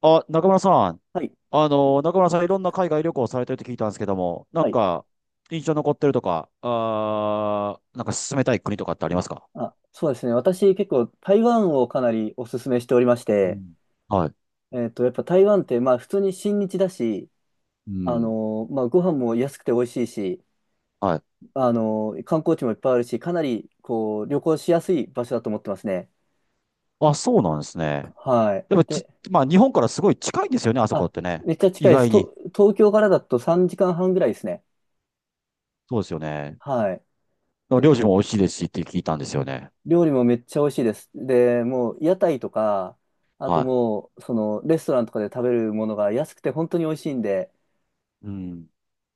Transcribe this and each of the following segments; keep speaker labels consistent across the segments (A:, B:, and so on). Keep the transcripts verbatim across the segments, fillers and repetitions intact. A: あ、中村さん。
B: はい。
A: あの、中村さんいろんな海外旅行されてるって聞いたんですけども、な
B: は
A: ん
B: い。
A: か、印象残ってるとか、あー、なんか進めたい国とかってありますか？
B: あ、そうですね。私結構台湾をかなりお勧めしておりまし
A: う
B: て、
A: ん。はい。
B: えっと、やっぱ台湾ってまあ普通に親日だし、
A: う
B: あ
A: ん。
B: のーまあご飯も安くて美味しいし、
A: はい。
B: あのー観光地もいっぱいあるし、かなりこう旅行しやすい場所だと思ってますね。
A: あ、そうなんですね。
B: はい。
A: でもち、
B: で、
A: まあ、日本からすごい近いんですよね、あそこ
B: あ、
A: ってね。
B: めっちゃ近
A: 意
B: いです。
A: 外に。
B: と、東京からだとさんじかんはんぐらいですね。
A: そうですよね。
B: はい。
A: 料
B: で、
A: 理も美味しいですしって聞いたんですよね。
B: 料理もめっちゃ美味しいです。で、もう屋台とか、あと
A: は
B: もう、そのレストランとかで食べるものが安くて本当に美味しいんで、
A: い。うん。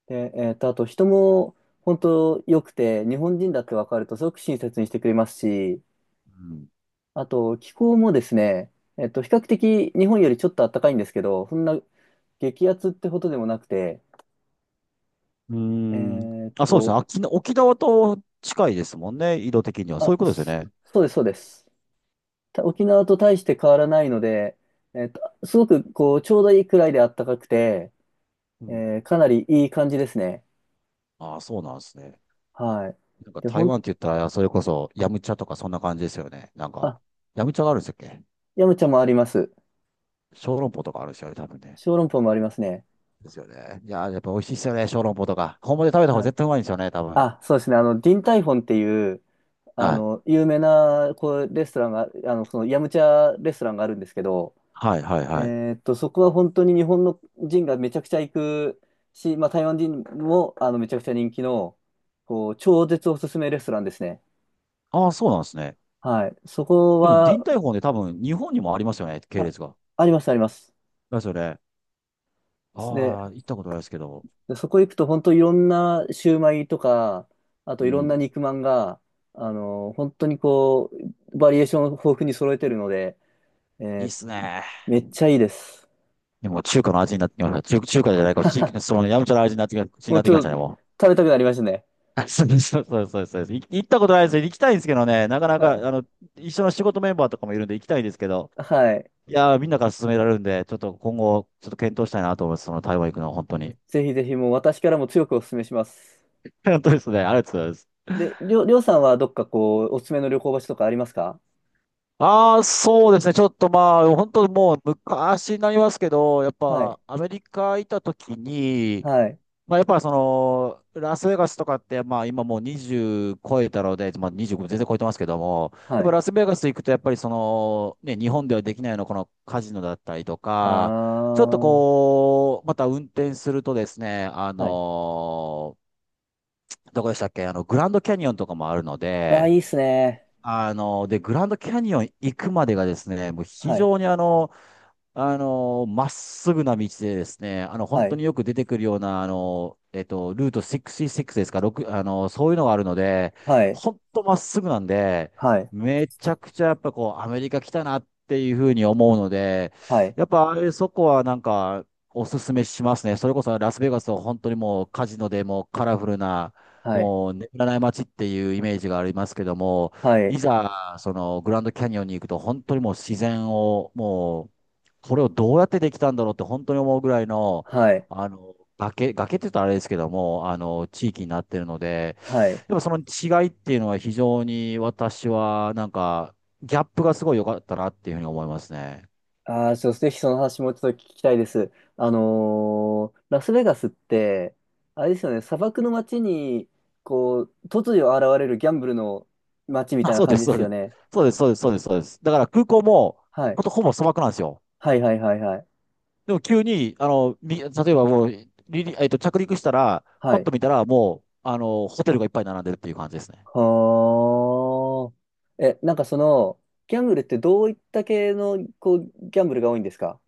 B: で、えっと、あと人も本当良くて、日本人だって分かるとすごく親切にしてくれますし、
A: うん。
B: あと気候もですね、えっと、比較的日本よりちょっと暖かいんですけど、そんな激アツってほどでもなくて、
A: うー
B: え
A: ん。
B: ーっ
A: あ、そうで
B: と、
A: すね。沖縄、沖縄と近いですもんね、緯度的には。そ
B: あ、
A: ういうことですよ
B: そ
A: ね。
B: そうです、そうです。た沖縄と大して変わらないので、えーっと、すごくこう、ちょうどいいくらいで暖かくて、
A: うん。
B: えーかなりいい感じですね。
A: ああ、そうなんですね。
B: はい。
A: なんか
B: で、ほ
A: 台湾
B: ん、
A: って言ったら、それこそ、ヤムチャとかそんな感じですよね。なんか、
B: あ、
A: ヤムチャがあるんですっけ？
B: ヤムチャもあります。
A: 小籠包とかあるんですよね、多分ね。
B: 小籠包もありますね。
A: ですよね。いやー、やっぱ美味しいですよね、小籠包とか。本場で食べた方が
B: はい。
A: 絶対うまいんですよね、多分。
B: あ、そうですね。あの、ディンタイフォンっていう、あ
A: はい。
B: の、有名な、こう、レストランが、あの、その、ヤムチャレストランがあるんですけど、
A: はい、はい、はい。
B: えーっと、そこは本当に日本の人がめちゃくちゃ行くし、まあ、台湾人も、あの、めちゃくちゃ人気の、こう、超絶おすすめレストランですね。
A: ああ、そうなんですね。
B: はい。そこ
A: でも、ディン
B: は、
A: タイフォンで多分、日本にもありますよね、系
B: あ、
A: 列が。
B: あります、あります。
A: ですよね。
B: で、
A: ああ、行ったことないですけど。
B: でそこ行くと本当いろんなシューマイとか、あ
A: う
B: といろんな
A: ん。
B: 肉まんが、あの、本当にこう、バリエーションを豊富に揃えてるので、え
A: いいっ
B: ー
A: すね。
B: めっちゃいいです。
A: でも、中華の味になってきました。中、中華じゃないか、地域、その、ヤムチャの味になってきま、に
B: も
A: な
B: う
A: っ
B: ち
A: てきまし
B: ょっ
A: た
B: と
A: ね、もう。
B: 食べたくなりましたね。
A: あそうそうそうそうそう。い行ったことないですよ。行きたいんですけどね、なかな
B: は
A: か、
B: い。
A: あの、一緒の仕事メンバーとかもいるんで行きたいんですけど、
B: はい。
A: いやー、みんなから勧められるんで、ちょっと今後、ちょっと検討したいなと思います。その台湾行くのは本当に。
B: ぜひぜひもう私からも強くお勧めします。
A: 本当ですね。ありがとうございます。
B: で、りょう、りょうさんはどっかこう、おすすめの旅行場所とかありますか？
A: ああ、そうですね。ちょっとまあ、本当もう昔になりますけど、やっ
B: はい。
A: ぱアメリカ行った時に、
B: はい。
A: まあ、やっぱその、ラスベガスとかって、まあ今もうにじゅう超えたので、まあにじゅうご全然超えてますけども、やっ
B: は
A: ぱ
B: い。
A: ラスベガス行くとやっぱりその、ね、日本ではできないようなこのカジノだったりと
B: あ
A: か、ちょっと
B: ー。
A: こう、また運転するとですね、あ
B: はい。
A: のどこでしたっけ、あの、グランドキャニオンとかもあるの
B: あー、い
A: で、
B: いっすね。
A: あの、で、グランドキャニオン行くまでがですね、もう非
B: はい。
A: 常にあの、あの、まっすぐな道でですね、あの、
B: は
A: 本当
B: い。
A: によく出てくるような、あの、えっと、ルートろくじゅうろくですか、ろく、あの、そういうのがあるので、
B: はい。
A: 本当まっすぐなんで、
B: はい。
A: めちゃくちゃやっぱこう、アメリカ来たなっていうふうに思うので、
B: はい。
A: やっぱあれそこはなんか、おすすめしますね。それこそラスベガスは本当にもうカジノでもうカラフルな、
B: はい。
A: もう眠らない街っていうイメージがありますけども、
B: は
A: い
B: い。
A: ざ、そのグランドキャニオンに行くと、本当にもう自然をもう、これをどうやってできたんだろうって本当に思うぐらいの、
B: はい。
A: あの、崖、崖って言うとあれですけども、あの、地域になってるので、
B: はい。
A: やっぱその違いっていうのは非常に私はなんか、ギャップがすごい良かったなっていうふうに思いますね。
B: ああ、そう、ぜひその話もちょっと聞きたいです。あのーラスベガスって、あれですよね、砂漠の街に、こう、突如現れるギャンブルの街みたい
A: あ、
B: な
A: そうで
B: 感
A: す、
B: じで
A: そう
B: す
A: で
B: よ
A: す。
B: ね。
A: そうです、そうです、そうです、そうです。だから空港も、
B: は
A: ほ
B: い。
A: んとほぼ砂漠なんですよ。
B: はい、はい、はい、はい。
A: でも急に、あの、み、例えばもう、リリ、えっと、着陸したら、パ
B: は
A: ッ
B: い。
A: と見たらもう、あの、ホテルがいっぱい並んでるっていう感じですね。
B: はあ。え、なんかその、ギャンブルってどういった系の、こう、ギャンブルが多いんですか？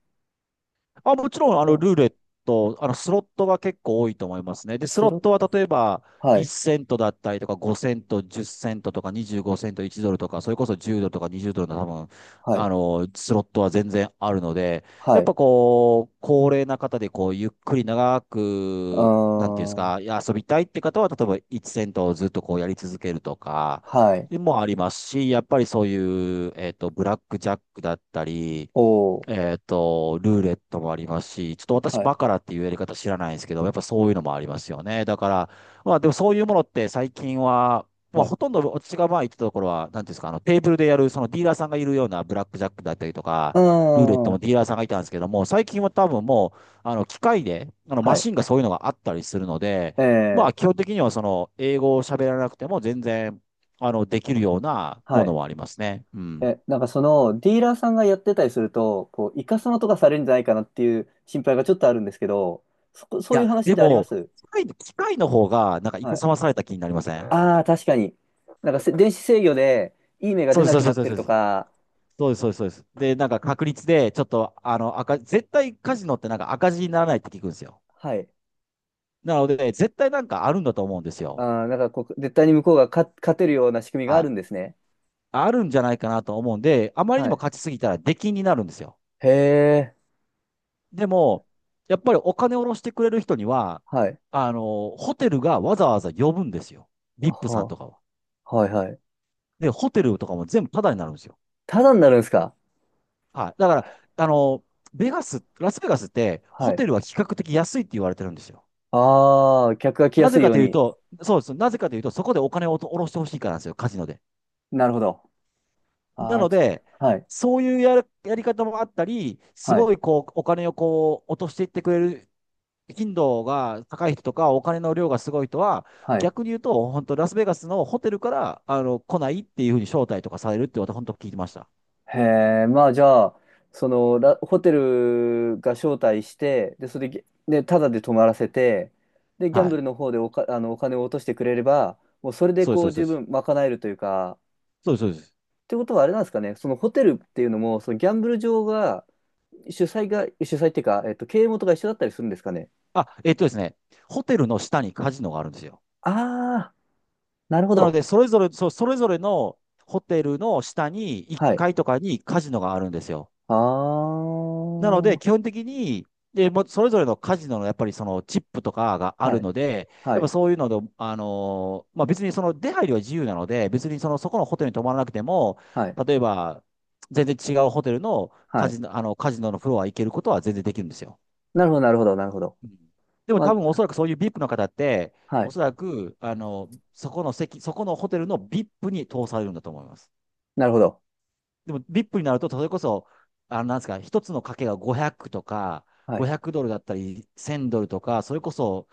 A: まあ、もちろん、あの、ルー
B: あ、
A: レット、あの、スロットが結構多いと思いますね。で、ス
B: ス
A: ロッ
B: ロッ
A: トは
B: ト、
A: 例えば、
B: はい、
A: いちセントセントだったりとか、ごセントセント、じゅっセントセントとか、にじゅうごセントセント、いちドルドルとか、それこそじゅうドルドルとかにじゅうドルドルの多分、
B: は
A: あ
B: い、
A: の、スロットは全然あるので、や
B: は
A: っ
B: い、
A: ぱこう、高齢な方で、こう、ゆっくり長
B: あ
A: く、なんていうんです
B: ー、
A: か、いや遊びたいって方は、例えばいちセントセントをずっとこうやり続けるとか、
B: はい、
A: もありますし、やっぱりそういう、えっと、ブラックジャックだったり、
B: おー、
A: えっと、ルーレットもありますし、ちょっと私
B: はい、
A: バカラっていうやり方知らないんですけど、やっぱそういうのもありますよね。だから、まあでもそういうものって最近は、ま
B: は
A: あ
B: い、
A: ほとんど私がまあ言ってたところは、なんていうんですか、あのテーブルでやるそのディーラーさんがいるようなブラックジャックだったりとか、
B: あ
A: ルーレットも
B: ー、
A: ディーラーさんがいたんですけども、最近は多分もう、あの機械で、あのマ
B: はい。
A: シンがそういうのがあったりするので、まあ
B: ええ。
A: 基本的にはその英語を喋らなくても全然、あのできるような
B: は
A: もの
B: い。
A: もありますね。うん。
B: え、なんかそのディーラーさんがやってたりすると、こう、いかさまとかされるんじゃないかなっていう心配がちょっとあるんですけど、そこ、
A: い
B: そうい
A: や、
B: う話っ
A: で
B: てありま
A: も、
B: す？
A: 機械、機械の方が、なんか、い
B: は
A: か
B: い。
A: さまされた気になりません？
B: ああ、確かに。なんかせ電子制御でいい目が
A: そ
B: 出
A: うで
B: な
A: す、
B: く
A: そ
B: な
A: う
B: っ
A: です、
B: てる
A: そう
B: と
A: です。
B: か、
A: そうです、そうです、そうです。で、なんか、確率で、ちょっと、あの、赤、絶対カジノってなんか赤字にならないって聞くんですよ。
B: はい。
A: なので、絶対なんかあるんだと思うんですよ。
B: ああ、なんかこう、絶対に向こうが勝、勝てるような仕組みがあ
A: は
B: るん
A: い。
B: ですね。
A: あるんじゃないかなと思うんで、あまりに
B: は
A: も
B: い。
A: 勝ちすぎたら出禁になるんですよ。
B: へえ、
A: でも、やっぱりお金を下ろしてくれる人には、
B: はい。
A: あの、ホテルがわざわざ呼ぶんですよ。ブイアイピー さん
B: は
A: とかは。
B: あ、はいはい。
A: で、ホテルとかも全部タダになるんですよ。
B: ただになるんですか？
A: はい。だから、あの、ベガス、ラスベガスって、
B: は
A: ホ
B: い。
A: テルは比較的安いって言われてるんですよ。
B: ああ、客が来や
A: な
B: す
A: ぜ
B: い
A: か
B: よう
A: という
B: に。
A: と、そうです。なぜかというと、そこでお金を下ろしてほしいからなんですよ、カジノで。
B: なるほど。
A: な
B: ああ、
A: の
B: じ
A: で、
B: はい。
A: そういうやる、やり方もあったり、す
B: はい。
A: ごいこう、お金をこう、落としていってくれる頻度が高い人とか、お金の量がすごい人は、
B: はい。
A: 逆に言うと、本当ラスベガスのホテルから、あの、来ないっていうふうに招待とかされるって私、本当聞いてました。
B: へえ、まあじゃあ、その、らホテルが招待して、で、それで、でタダで泊まらせて、で、ギャン
A: は
B: ブ
A: い。
B: ルの方でおか、あの、お金を落としてくれれば、もうそれで
A: そうです、
B: こ
A: そう
B: う
A: です、そう
B: 十
A: です。
B: 分賄えるというか、
A: そうです、そうです。
B: ってことはあれなんですかね、そのホテルっていうのも、そのギャンブル場が、主催が、主催っていうか、えっと、経営元が一緒だったりするんですかね。
A: あ、えっとですね、ホテルの下にカジノがあるんですよ。
B: ああ、なるほ
A: なの
B: ど。
A: で、それぞれ、そう、それぞれのホテルの下に1
B: はい。
A: 階とかにカジノがあるんですよ。
B: あ
A: なの
B: あ、
A: で、
B: は
A: 基本的に、で、もうそれぞれのカジノのやっぱりそのチップとかがある
B: い、
A: ので、
B: は
A: やっぱ
B: い、
A: そういうので、あのーまあ、別にその出入りは自由なので、別にそのそこのホテルに泊まらなくても、
B: はい、
A: 例えば全然違うホテルの
B: は
A: カ
B: い。
A: ジノ、あのカジノのフロア行けることは全然できるんですよ。
B: なるほど、なるほど、なるほど。
A: うん。でも
B: ま
A: 多分お
B: あ、
A: そらくそういうビップの方って、
B: は
A: お
B: い、
A: そらく、あの、そこの席、そこのホテルのビップに通されるんだと思います。
B: なるほど。
A: でも ブイアイピー になると、それこそ、あの、なんですか、一つの賭けがごひゃくとか、
B: はい。
A: ごひゃくドルだったり、せんドルとか、それこそ、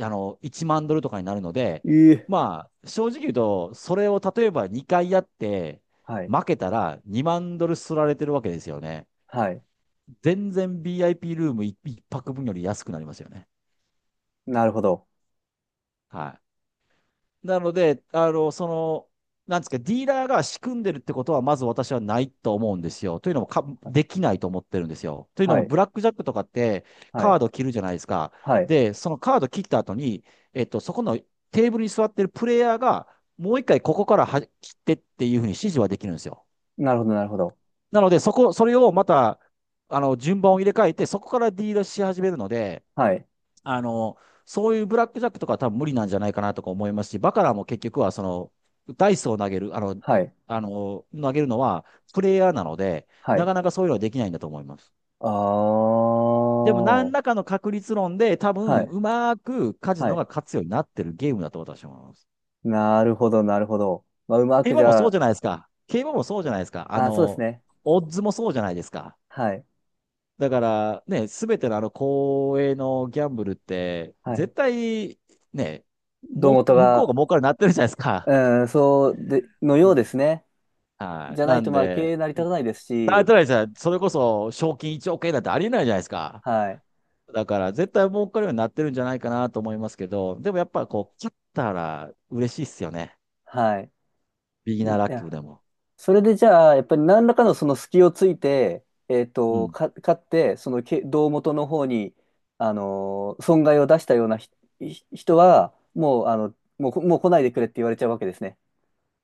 A: あの、いちまんドルとかになるので、
B: ええ。
A: まあ、正直言うと、それを例えばにかいやって、
B: はい。
A: 負けたらにまんドルすられてるわけですよね。
B: はい。
A: 全然 ビーアイピー ルームいち、一泊分より安くなりますよね。
B: なるほど。
A: はい。なので、あの、その、なんですか、ディーラーが仕組んでるってことは、まず私はないと思うんですよ。というのもか、できないと思ってるんですよ。というの
B: は
A: も、
B: い。
A: ブラックジャックとかって、
B: は
A: カー
B: い。
A: ド切るじゃないですか。
B: はい。
A: で、そのカード切った後に、えっと、そこのテーブルに座ってるプレイヤーが、もう一回ここからは切ってっていうふうに指示はできるんですよ。
B: なるほど、なるほど。
A: なので、そこ、それをまた、あの、順番を入れ替えて、そこからディーラーし始めるので、
B: はい。
A: あの、そういうブラックジャックとかは多分無理なんじゃないかなとか思いますし、バカラも結局はその、ダイスを投げる、あの、
B: はい。
A: あの、投げるのはプレイヤーなので、
B: は
A: な
B: い。
A: かなかそういうのはできないんだと思います。
B: あ
A: でも
B: あ。
A: 何
B: は
A: らかの確率論で多分
B: い。
A: うまくカジ
B: は
A: ノが
B: い。
A: 勝つようになってるゲームだと私は思います。
B: なるほど、なるほど。まあ、うま
A: 競
B: くじ
A: 馬も
B: ゃ
A: そうじ
B: あ、
A: ゃないですか。競馬もそうじゃないですか。あ
B: あー、そうです
A: の、
B: ね。
A: オッズもそうじゃないですか。
B: はい。
A: だからね、すべてのあの公営のギャンブルって、
B: はい。
A: 絶対ね、
B: 胴
A: も
B: 元
A: う、向こう
B: が、
A: が儲かるようになってるじゃないですか。
B: うん、そうで、の
A: う
B: よう
A: ん。
B: ですね。
A: はい。
B: じゃな
A: な
B: い
A: ん
B: と、まあ、経
A: で、
B: 営成り立たないです
A: なっ
B: し、
A: てないじゃそれこそ賞金いちおく円なんてありえないじゃないですか。
B: はい。
A: だから絶対儲かるようになってるんじゃないかなと思いますけど、でもやっぱこう、勝ったら嬉しいっすよね。
B: はい。
A: ビギ
B: い
A: ナーラッキー
B: や、
A: でも。
B: それでじゃあ、やっぱり何らかのその隙をついて、えっ
A: う
B: と、
A: ん。
B: か、勝って、そのけ胴元の方に、あのー損害を出したようなひひ人は、もう、あの、もうこ、もう来ないでくれって言われちゃうわけですね。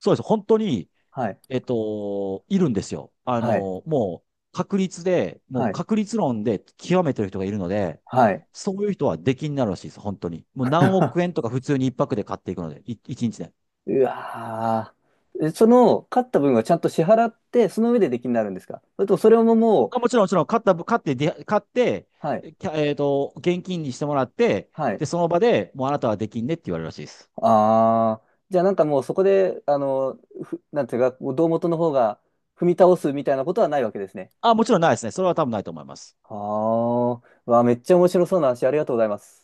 A: そうです。本当に
B: はい。
A: えっと、いるんですよ。あ
B: はい。
A: の、もう確率で、も
B: は
A: う
B: い。
A: 確率論で極めてる人がいるので、
B: はい。
A: そういう人は出禁になるらしいです、本当に。もう何億円と か普通に一泊で買っていくので、い一日で。
B: うわー、えその、勝った分はちゃんと支払って、その上で出禁になるんですか？それともそれもも
A: あ、も
B: う、
A: ちろん、もちろん、買った、買って、で買って、
B: はい。
A: えキャえっと、現金にしてもらって、
B: は
A: で、
B: い。
A: その場でもうあなたは出禁ねって言われるらしいです。
B: ああ、じゃあなんかもうそこで、あの、ふ、なんていうか、胴元の方が踏み倒すみたいなことはないわけですね。
A: あ、もちろんないですね。それは多分ないと思います。
B: ああ、わあ、めっちゃ面白そうな話、ありがとうございます。